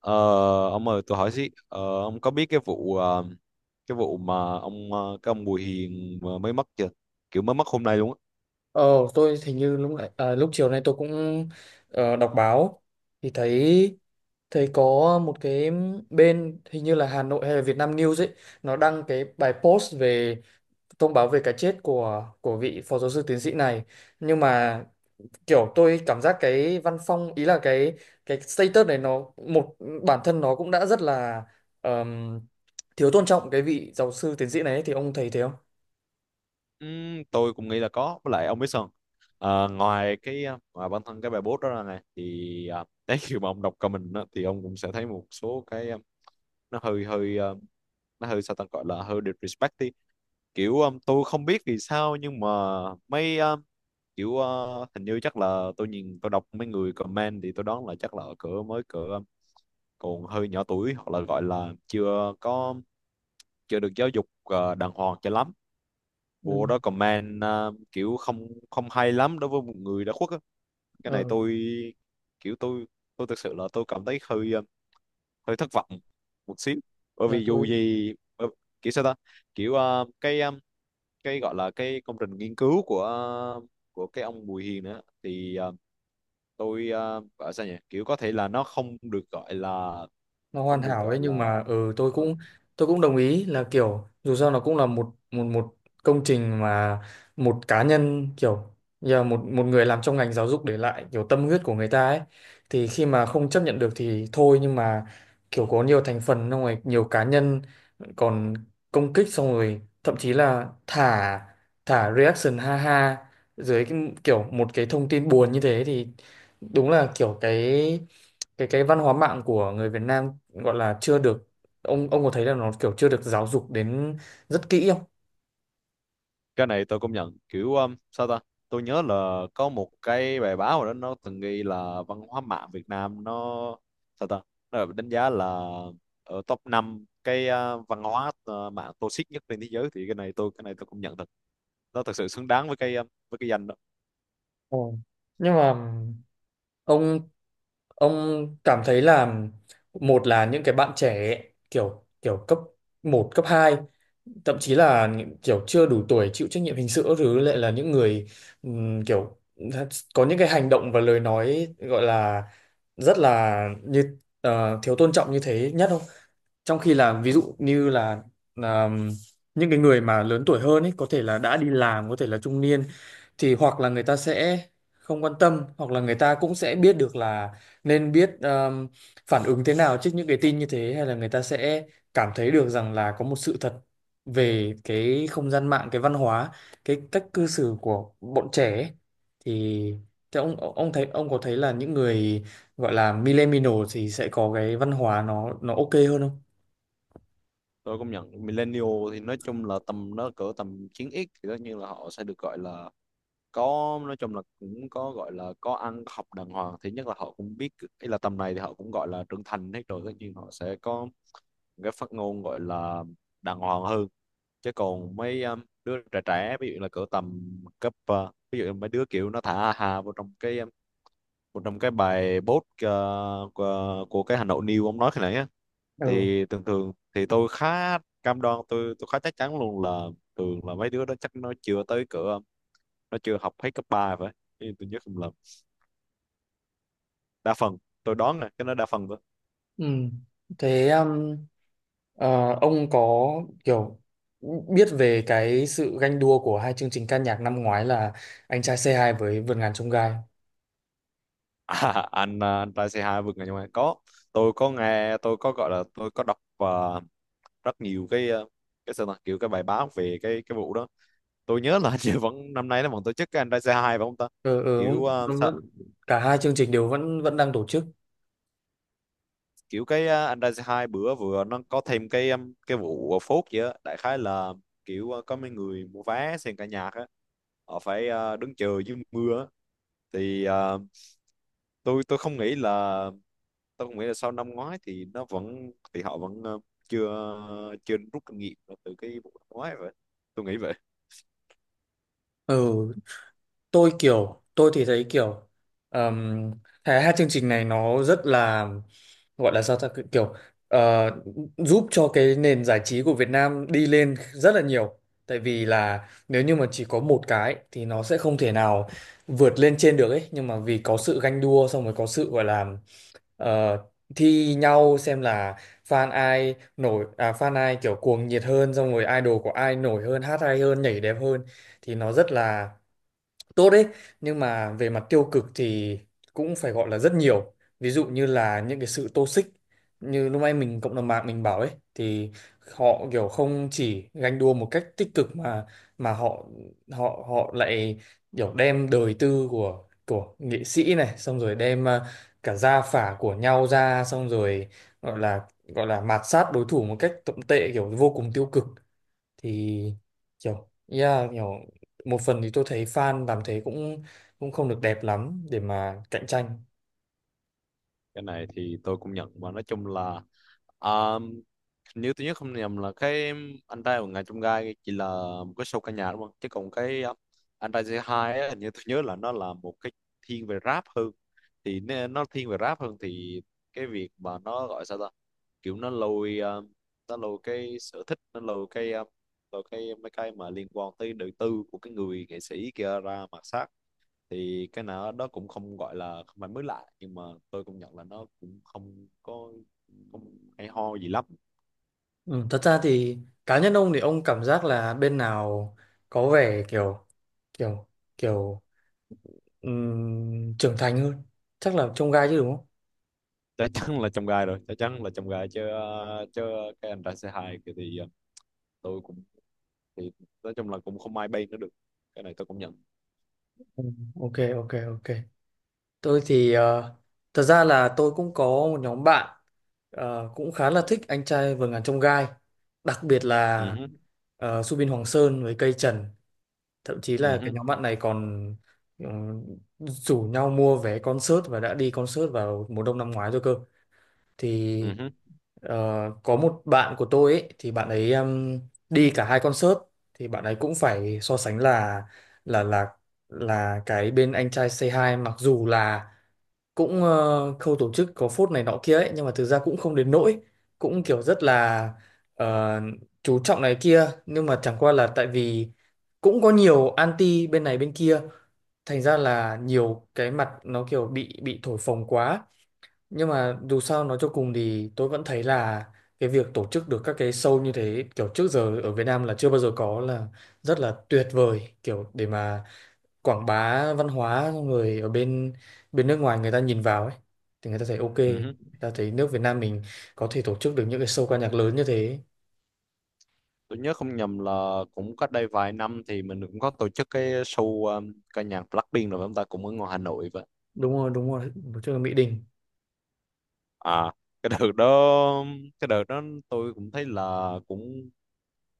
Ờ, ông ơi, tôi hỏi xí, ông có biết cái vụ mà ông, cái ông Bùi Hiền mà mới mất chưa? Kiểu mới mất hôm nay luôn á. Ờ, tôi hình như lúc nãy, à, lúc chiều nay tôi cũng đọc báo thì thấy thấy có một cái bên hình như là Hà Nội hay là Việt Nam News ấy, nó đăng cái bài post về thông báo về cái chết của vị phó giáo sư tiến sĩ này. Nhưng mà kiểu tôi cảm giác cái văn phong, ý là cái status này nó một bản thân nó cũng đã rất là ờm, thiếu tôn trọng cái vị giáo sư tiến sĩ này ấy. Thì ông thấy thế không? Tôi cũng nghĩ là có. Với lại, ông biết sao không? Ngoài bản thân cái bài post đó ra này thì, đấy, khi mà ông đọc comment đó thì ông cũng sẽ thấy một số cái, nó hơi hơi, nó hơi, sao ta, gọi là hơi disrespect đi. Kiểu, tôi không biết vì sao nhưng mà mấy, kiểu, hình như chắc là tôi nhìn tôi đọc mấy người comment thì tôi đoán là chắc là ở cỡ mới, cỡ còn hơi nhỏ tuổi, hoặc là gọi là chưa được giáo dục đàng hoàng cho lắm. Ừ. Vô đó comment, kiểu không không hay lắm đối với một người đã khuất á. Cái Ờ, này tôi, kiểu tôi thực sự là tôi cảm thấy hơi, hơi thất vọng một xíu. Bởi dạ, vì dù thôi gì, kiểu sao ta, kiểu, cái, cái gọi là cái công trình nghiên cứu của, của cái ông Bùi Hiền nữa thì, tôi, gọi sao nhỉ, kiểu có thể là nó không được gọi là nó hoàn không được hảo đấy gọi nhưng là mà ừ tôi ờ, cũng đồng ý là kiểu dù sao nó cũng là một một một công trình mà một cá nhân, kiểu giờ một một người làm trong ngành giáo dục để lại kiểu tâm huyết của người ta ấy, thì khi mà không chấp nhận được thì thôi. Nhưng mà kiểu có nhiều thành phần, xong rồi nhiều cá nhân còn công kích, xong rồi thậm chí là thả thả reaction ha ha dưới cái, kiểu một cái thông tin buồn như thế, thì đúng là kiểu cái văn hóa mạng của người Việt Nam gọi là chưa được. Ông có thấy là nó kiểu chưa được giáo dục đến rất kỹ không? cái này tôi công nhận, kiểu sao ta, tôi nhớ là có một cái bài báo rồi đó, nó từng ghi là văn hóa mạng Việt Nam nó, sao ta, nó được đánh giá là ở top 5 cái, à, văn hóa, à, mạng toxic nhất trên thế giới. Thì cái này tôi công nhận thật, nó thật sự xứng đáng với cái, à, với cái danh đó. Ờ. Nhưng mà ông cảm thấy là một là những cái bạn trẻ ấy, kiểu kiểu cấp một cấp hai, thậm chí là những kiểu chưa đủ tuổi chịu trách nhiệm hình sự các thứ lại là những người kiểu có những cái hành động và lời nói gọi là rất là như thiếu tôn trọng như thế nhất không? Trong khi là ví dụ như là là những cái người mà lớn tuổi hơn ấy, có thể là đã đi làm, có thể là trung niên, thì hoặc là người ta sẽ không quan tâm, hoặc là người ta cũng sẽ biết được là nên biết phản ứng thế nào trước những cái tin như thế, hay là người ta sẽ cảm thấy được rằng là có một sự thật về cái không gian mạng, cái văn hóa, cái cách cư xử của bọn trẻ ấy. Thì thế ông thấy ông có thấy là những người gọi là millennial thì sẽ có cái văn hóa nó ok hơn không? Tôi công nhận millennial thì nói chung là tầm nó cỡ tầm 9x thì tất nhiên là họ sẽ được gọi là có, nói chung là cũng có, gọi là có ăn có học đàng hoàng, thì nhất là họ cũng biết. Ý là tầm này thì họ cũng gọi là trưởng thành hết rồi, tất nhiên họ sẽ có một cái phát ngôn gọi là đàng hoàng hơn. Chứ còn mấy đứa trẻ trẻ, ví dụ là cỡ tầm cấp, ví dụ mấy đứa kiểu nó thả hà vào trong cái bài post, của cái Hà Nội News ông nói khi nãy á. ừ Thì thường thường thì tôi khá cam đoan, tôi khá chắc chắn luôn là thường là mấy đứa đó chắc nó chưa tới cửa, nó chưa học hết cấp 3 phải. Ý tôi nhớ không, đa phần, tôi đoán nè, cái đó đa phần thôi. ừ Thế ờ, ông có kiểu biết về cái sự ganh đua của hai chương trình ca nhạc năm ngoái là Anh trai C2 với vườn ngàn chông gai? À, anh trai C2 vượt ngàn chông gai có, tôi có nghe, tôi có, gọi là tôi có đọc và rất nhiều cái, cái, sao ta, kiểu cái bài báo về cái vụ đó. Tôi nhớ là hình như vẫn năm nay nó vẫn tổ chức cái anh trai C2 phải không ta? Ừ. Kiểu, nó- Cả hai chương trình đều vẫn vẫn đang tổ chức. kiểu cái, anh trai C2 bữa vừa nó có thêm cái, cái vụ, à, phốt gì á, đại khái là kiểu, có mấy người mua vé xem cả nhạc á, họ phải, đứng chờ dưới mưa á. Thì, tôi không nghĩ là, tôi cũng nghĩ là sau năm ngoái thì nó vẫn, thì họ vẫn, chưa chưa rút kinh nghiệm từ cái vụ năm ngoái vậy. Tôi nghĩ vậy. Ừ, tôi kiểu tôi thì thấy kiểu um, cái hai chương trình này nó rất là gọi là sao ta, kiểu ờ, giúp cho cái nền giải trí của Việt Nam đi lên rất là nhiều, tại vì là nếu như mà chỉ có một cái thì nó sẽ không thể nào vượt lên trên được ấy. Nhưng mà vì có sự ganh đua, xong rồi có sự gọi là ờ, thi nhau xem là fan ai nổi, à fan ai kiểu cuồng nhiệt hơn, xong rồi idol của ai nổi hơn, hát hay hơn, nhảy đẹp hơn, thì nó rất là tốt đấy. Nhưng mà về mặt tiêu cực thì cũng phải gọi là rất nhiều, ví dụ như là những cái sự toxic như lúc nãy mình cộng đồng mạng mình bảo ấy, thì họ kiểu không chỉ ganh đua một cách tích cực mà họ họ họ lại kiểu đem đời tư của nghệ sĩ này, xong rồi đem à, cả gia phả của nhau ra, xong rồi gọi là mạt sát đối thủ một cách tồi tệ, kiểu vô cùng tiêu cực. Thì kiểu yeah, kiểu một phần thì tôi thấy fan làm thế cũng cũng không được đẹp lắm để mà cạnh tranh. Cái này thì tôi cũng nhận, và nói chung là nếu tôi nhớ không nhầm là cái anh trai của ngài trong gai chỉ là một cái show ca nhạc đúng không, chứ còn cái, anh trai C2 á, hình như tôi nhớ là nó là một cái thiên về rap hơn. Thì nó thiên về rap hơn, thì cái việc mà nó gọi sao ta, kiểu nó lôi cái sở thích, nó lôi cái mấy cái mà liên quan tới đời tư của cái người nghệ sĩ kia ra mặt sát, thì cái nào đó cũng không gọi là không phải mới lạ, nhưng mà tôi công nhận là nó cũng không có, không hay ho gì lắm. Ừ, thật ra thì cá nhân ông thì ông cảm giác là bên nào có vẻ kiểu kiểu kiểu trưởng thành hơn, chắc là trông gai chứ đúng không? Chắc chắn là trong gai rồi, chắc chắn là trong gai chứ cái anh ra C2 kia thì, tôi cũng, thì nói chung là cũng không ai bay nữa được. Cái này tôi cũng nhận. Ừ, ok ok ok Tôi thì thật ra là tôi cũng có một nhóm bạn cũng khá là Ừ. thích anh trai vượt ngàn chông gai, đặc biệt Ừ là hứ. Subin Hoàng Sơn với Cây Trần, thậm chí là cái Ừ. nhóm bạn này còn ừ, rủ nhau mua vé concert và đã đi concert vào mùa đông năm ngoái rồi cơ. Thì Ừ. ờ, có một bạn của tôi ấy thì bạn ấy đi cả hai concert, thì bạn ấy cũng phải so sánh là là là cái bên anh trai Say Hi mặc dù là cũng khâu tổ chức có phốt này nọ kia ấy, nhưng mà thực ra cũng không đến nỗi, cũng kiểu rất là ờ, chú trọng này kia, nhưng mà chẳng qua là tại vì cũng có nhiều anti bên này bên kia, thành ra là nhiều cái mặt nó kiểu bị thổi phồng quá. Nhưng mà dù sao nói cho cùng thì tôi vẫn thấy là cái việc tổ chức được các cái show như thế, kiểu trước giờ ở Việt Nam là chưa bao giờ có, là rất là tuyệt vời, kiểu để mà quảng bá văn hóa, xong rồi ở bên bên nước ngoài người ta nhìn vào ấy thì người ta thấy ok, người Ừ. ta thấy nước Việt Nam mình có thể tổ chức được những cái show ca nhạc lớn như thế. Tôi nhớ không nhầm là cũng cách đây vài năm thì mình cũng có tổ chức cái show, ca nhạc Blackpink rồi chúng ta cũng ở ngoài Hà Nội vậy. Đúng rồi, đúng rồi, tổ chức ở Mỹ Đình. À, cái đợt đó cái đợt đó tôi cũng thấy là cũng,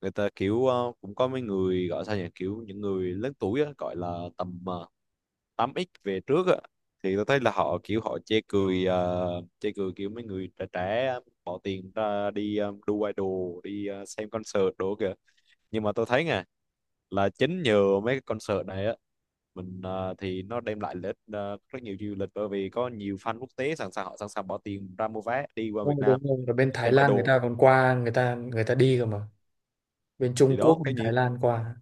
người ta kiểu, cũng có mấy người gọi sao nhỉ, kiểu những người lớn tuổi á, gọi là tầm, 8X về trước á. Thì tôi thấy là họ kiểu họ chê cười kiểu mấy người trẻ trẻ bỏ tiền ra đi, đu idol, đi, xem concert đồ kìa. Nhưng mà tôi thấy nè là chính nhờ mấy cái concert này á, mình, thì nó đem lại lợi ích, rất nhiều du lịch, bởi vì có nhiều fan quốc tế sẵn sàng, họ sẵn sàng bỏ tiền ra mua vé đi qua Đúng Việt rồi, đúng Nam rồi, ở bên Thái xem Lan người idol. ta còn qua, người ta đi cơ mà. Bên Thì Trung đó, Quốc tất bên nhiên, Thái Lan qua.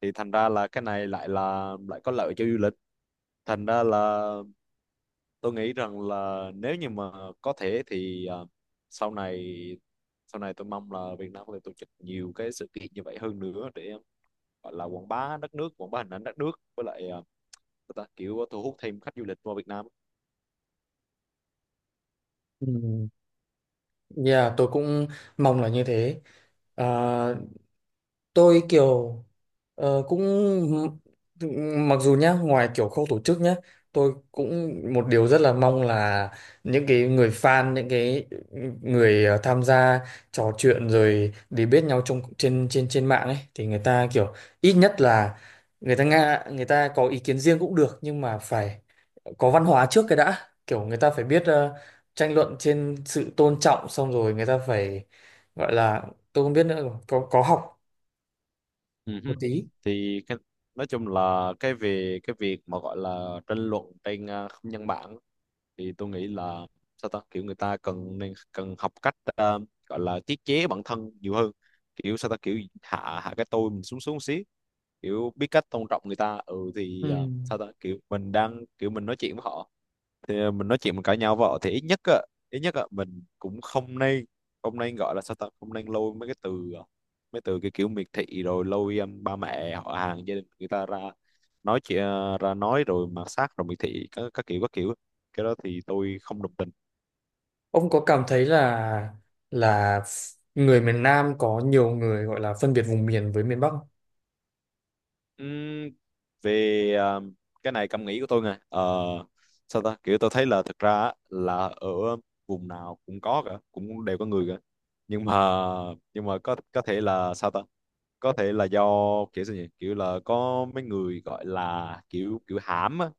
thì thành ra là cái này lại có lợi cho du lịch. Thành ra là tôi nghĩ rằng là nếu như mà có thể thì, à, sau này sau này tôi mong là Việt Nam có thể tổ chức nhiều cái sự kiện như vậy hơn nữa để gọi là quảng bá đất nước, quảng bá hình ảnh đất nước, với lại, à, người ta kiểu thu hút thêm khách du lịch vào Việt Nam. Ừ. Dạ, tôi cũng mong là như thế. Ờ, tôi kiểu cũng mặc dù nhá ngoài kiểu khâu tổ chức nhá, tôi cũng một điều rất là mong là những cái người fan, những cái người tham gia trò chuyện rồi để biết nhau trong trên trên trên mạng ấy, thì người ta kiểu ít nhất là người ta người ta có ý kiến riêng cũng được nhưng mà phải có văn hóa trước cái đã, kiểu người ta phải biết tranh luận trên sự tôn trọng, xong rồi người ta phải gọi là, tôi không biết nữa, có học Ừ hứ. một tí. Thì cái, nói chung là cái về cái việc mà gọi là tranh luận trên, à, không gian mạng á, thì tôi nghĩ là sao ta, kiểu người ta cần học cách, gọi là tiết chế bản thân nhiều hơn, kiểu sao ta, kiểu hạ hạ cái tôi mình xuống xuống xí, kiểu biết cách tôn trọng người ta, ừ Ừ. thì, sao ta, kiểu mình đang kiểu mình nói chuyện với họ, thì mình nói chuyện, mình cãi nhau với họ thì ít nhất á mình cũng không nên gọi là sao ta, không nên lôi mấy từ cái kiểu miệt thị, rồi lôi, ba mẹ họ hàng gia đình người ta ra nói chuyện, ra nói rồi mạt sát rồi miệt thị, các kiểu, cái đó thì tôi không đồng tình. Ông có cảm thấy là là người miền Nam có nhiều người gọi là phân biệt vùng miền với miền Bắc không? Ừm, Về, cái này cảm nghĩ của tôi nè. Ờ, Sao ta, kiểu tôi thấy là thực ra á, là ở vùng nào cũng có cả, cũng đều có người cả. Nhưng mà nhưng mà có thể là sao ta, có thể là do kiểu sao nhỉ, kiểu là có mấy người gọi là kiểu kiểu hãm á.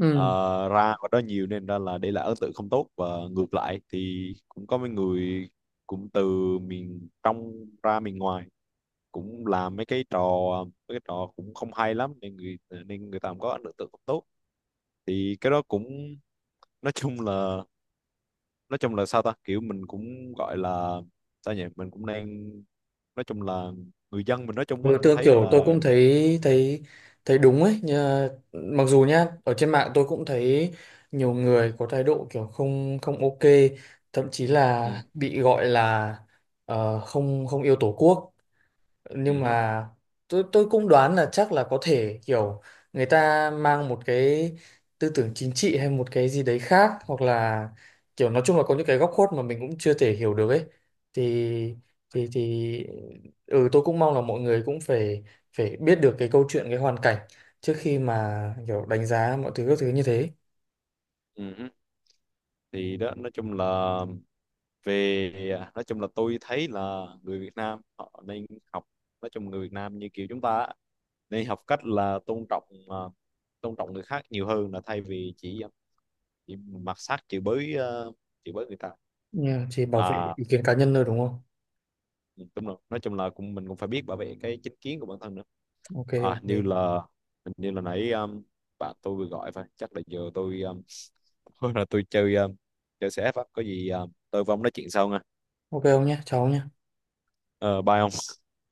Ừ. Ra ở đó nhiều nên ra là để lại ấn tượng không tốt. Và ngược lại thì cũng có mấy người cũng từ miền trong ra miền ngoài cũng làm mấy cái trò cũng không hay lắm, nên người ta cũng có ấn tượng không tốt. Thì cái đó cũng, nói chung là nói chung là sao ta, kiểu mình cũng gọi là sao nhỉ, mình cũng đang, nói chung là người dân mình nói chung á, Ừ, tôi tôi thấy kiểu tôi là. cũng thấy thấy thấy đúng ấy nhờ, mặc dù nhá ở trên mạng tôi cũng thấy nhiều người có thái độ kiểu không không ok, thậm chí là Ừ. bị gọi là không không yêu tổ quốc. Nhưng Ừ hứ. mà tôi cũng đoán là chắc là có thể kiểu người ta mang một cái tư tưởng chính trị hay một cái gì đấy khác, hoặc là kiểu nói chung là có những cái góc khuất mà mình cũng chưa thể hiểu được ấy. Thì thì thì ừ tôi cũng mong là mọi người cũng phải phải biết được cái câu chuyện, cái hoàn cảnh trước khi mà kiểu đánh giá mọi thứ các thứ như thế. Ừ hứ. Thì đó, nói chung là về, à, nói chung là tôi thấy là người Việt Nam họ nên học, nói chung người Việt Nam như kiểu chúng ta á, nên học cách là tôn trọng, à, tôn trọng người khác nhiều hơn, là thay vì chỉ, à, chỉ mặc sát, chửi bới người ta. Nhưng mà chỉ bảo vệ À ý kiến cá nhân thôi đúng không? đúng rồi, nói chung là cũng mình cũng phải biết bảo vệ cái chính kiến của bản thân nữa. Ok, À như là, hình như là nãy, bạn tôi vừa gọi phải, chắc là giờ tôi, là tôi chơi, chơi CF á, có gì, tôi với ông nói chuyện sau nha. ok, ông nhé cháu nhé. Ờ bye ông.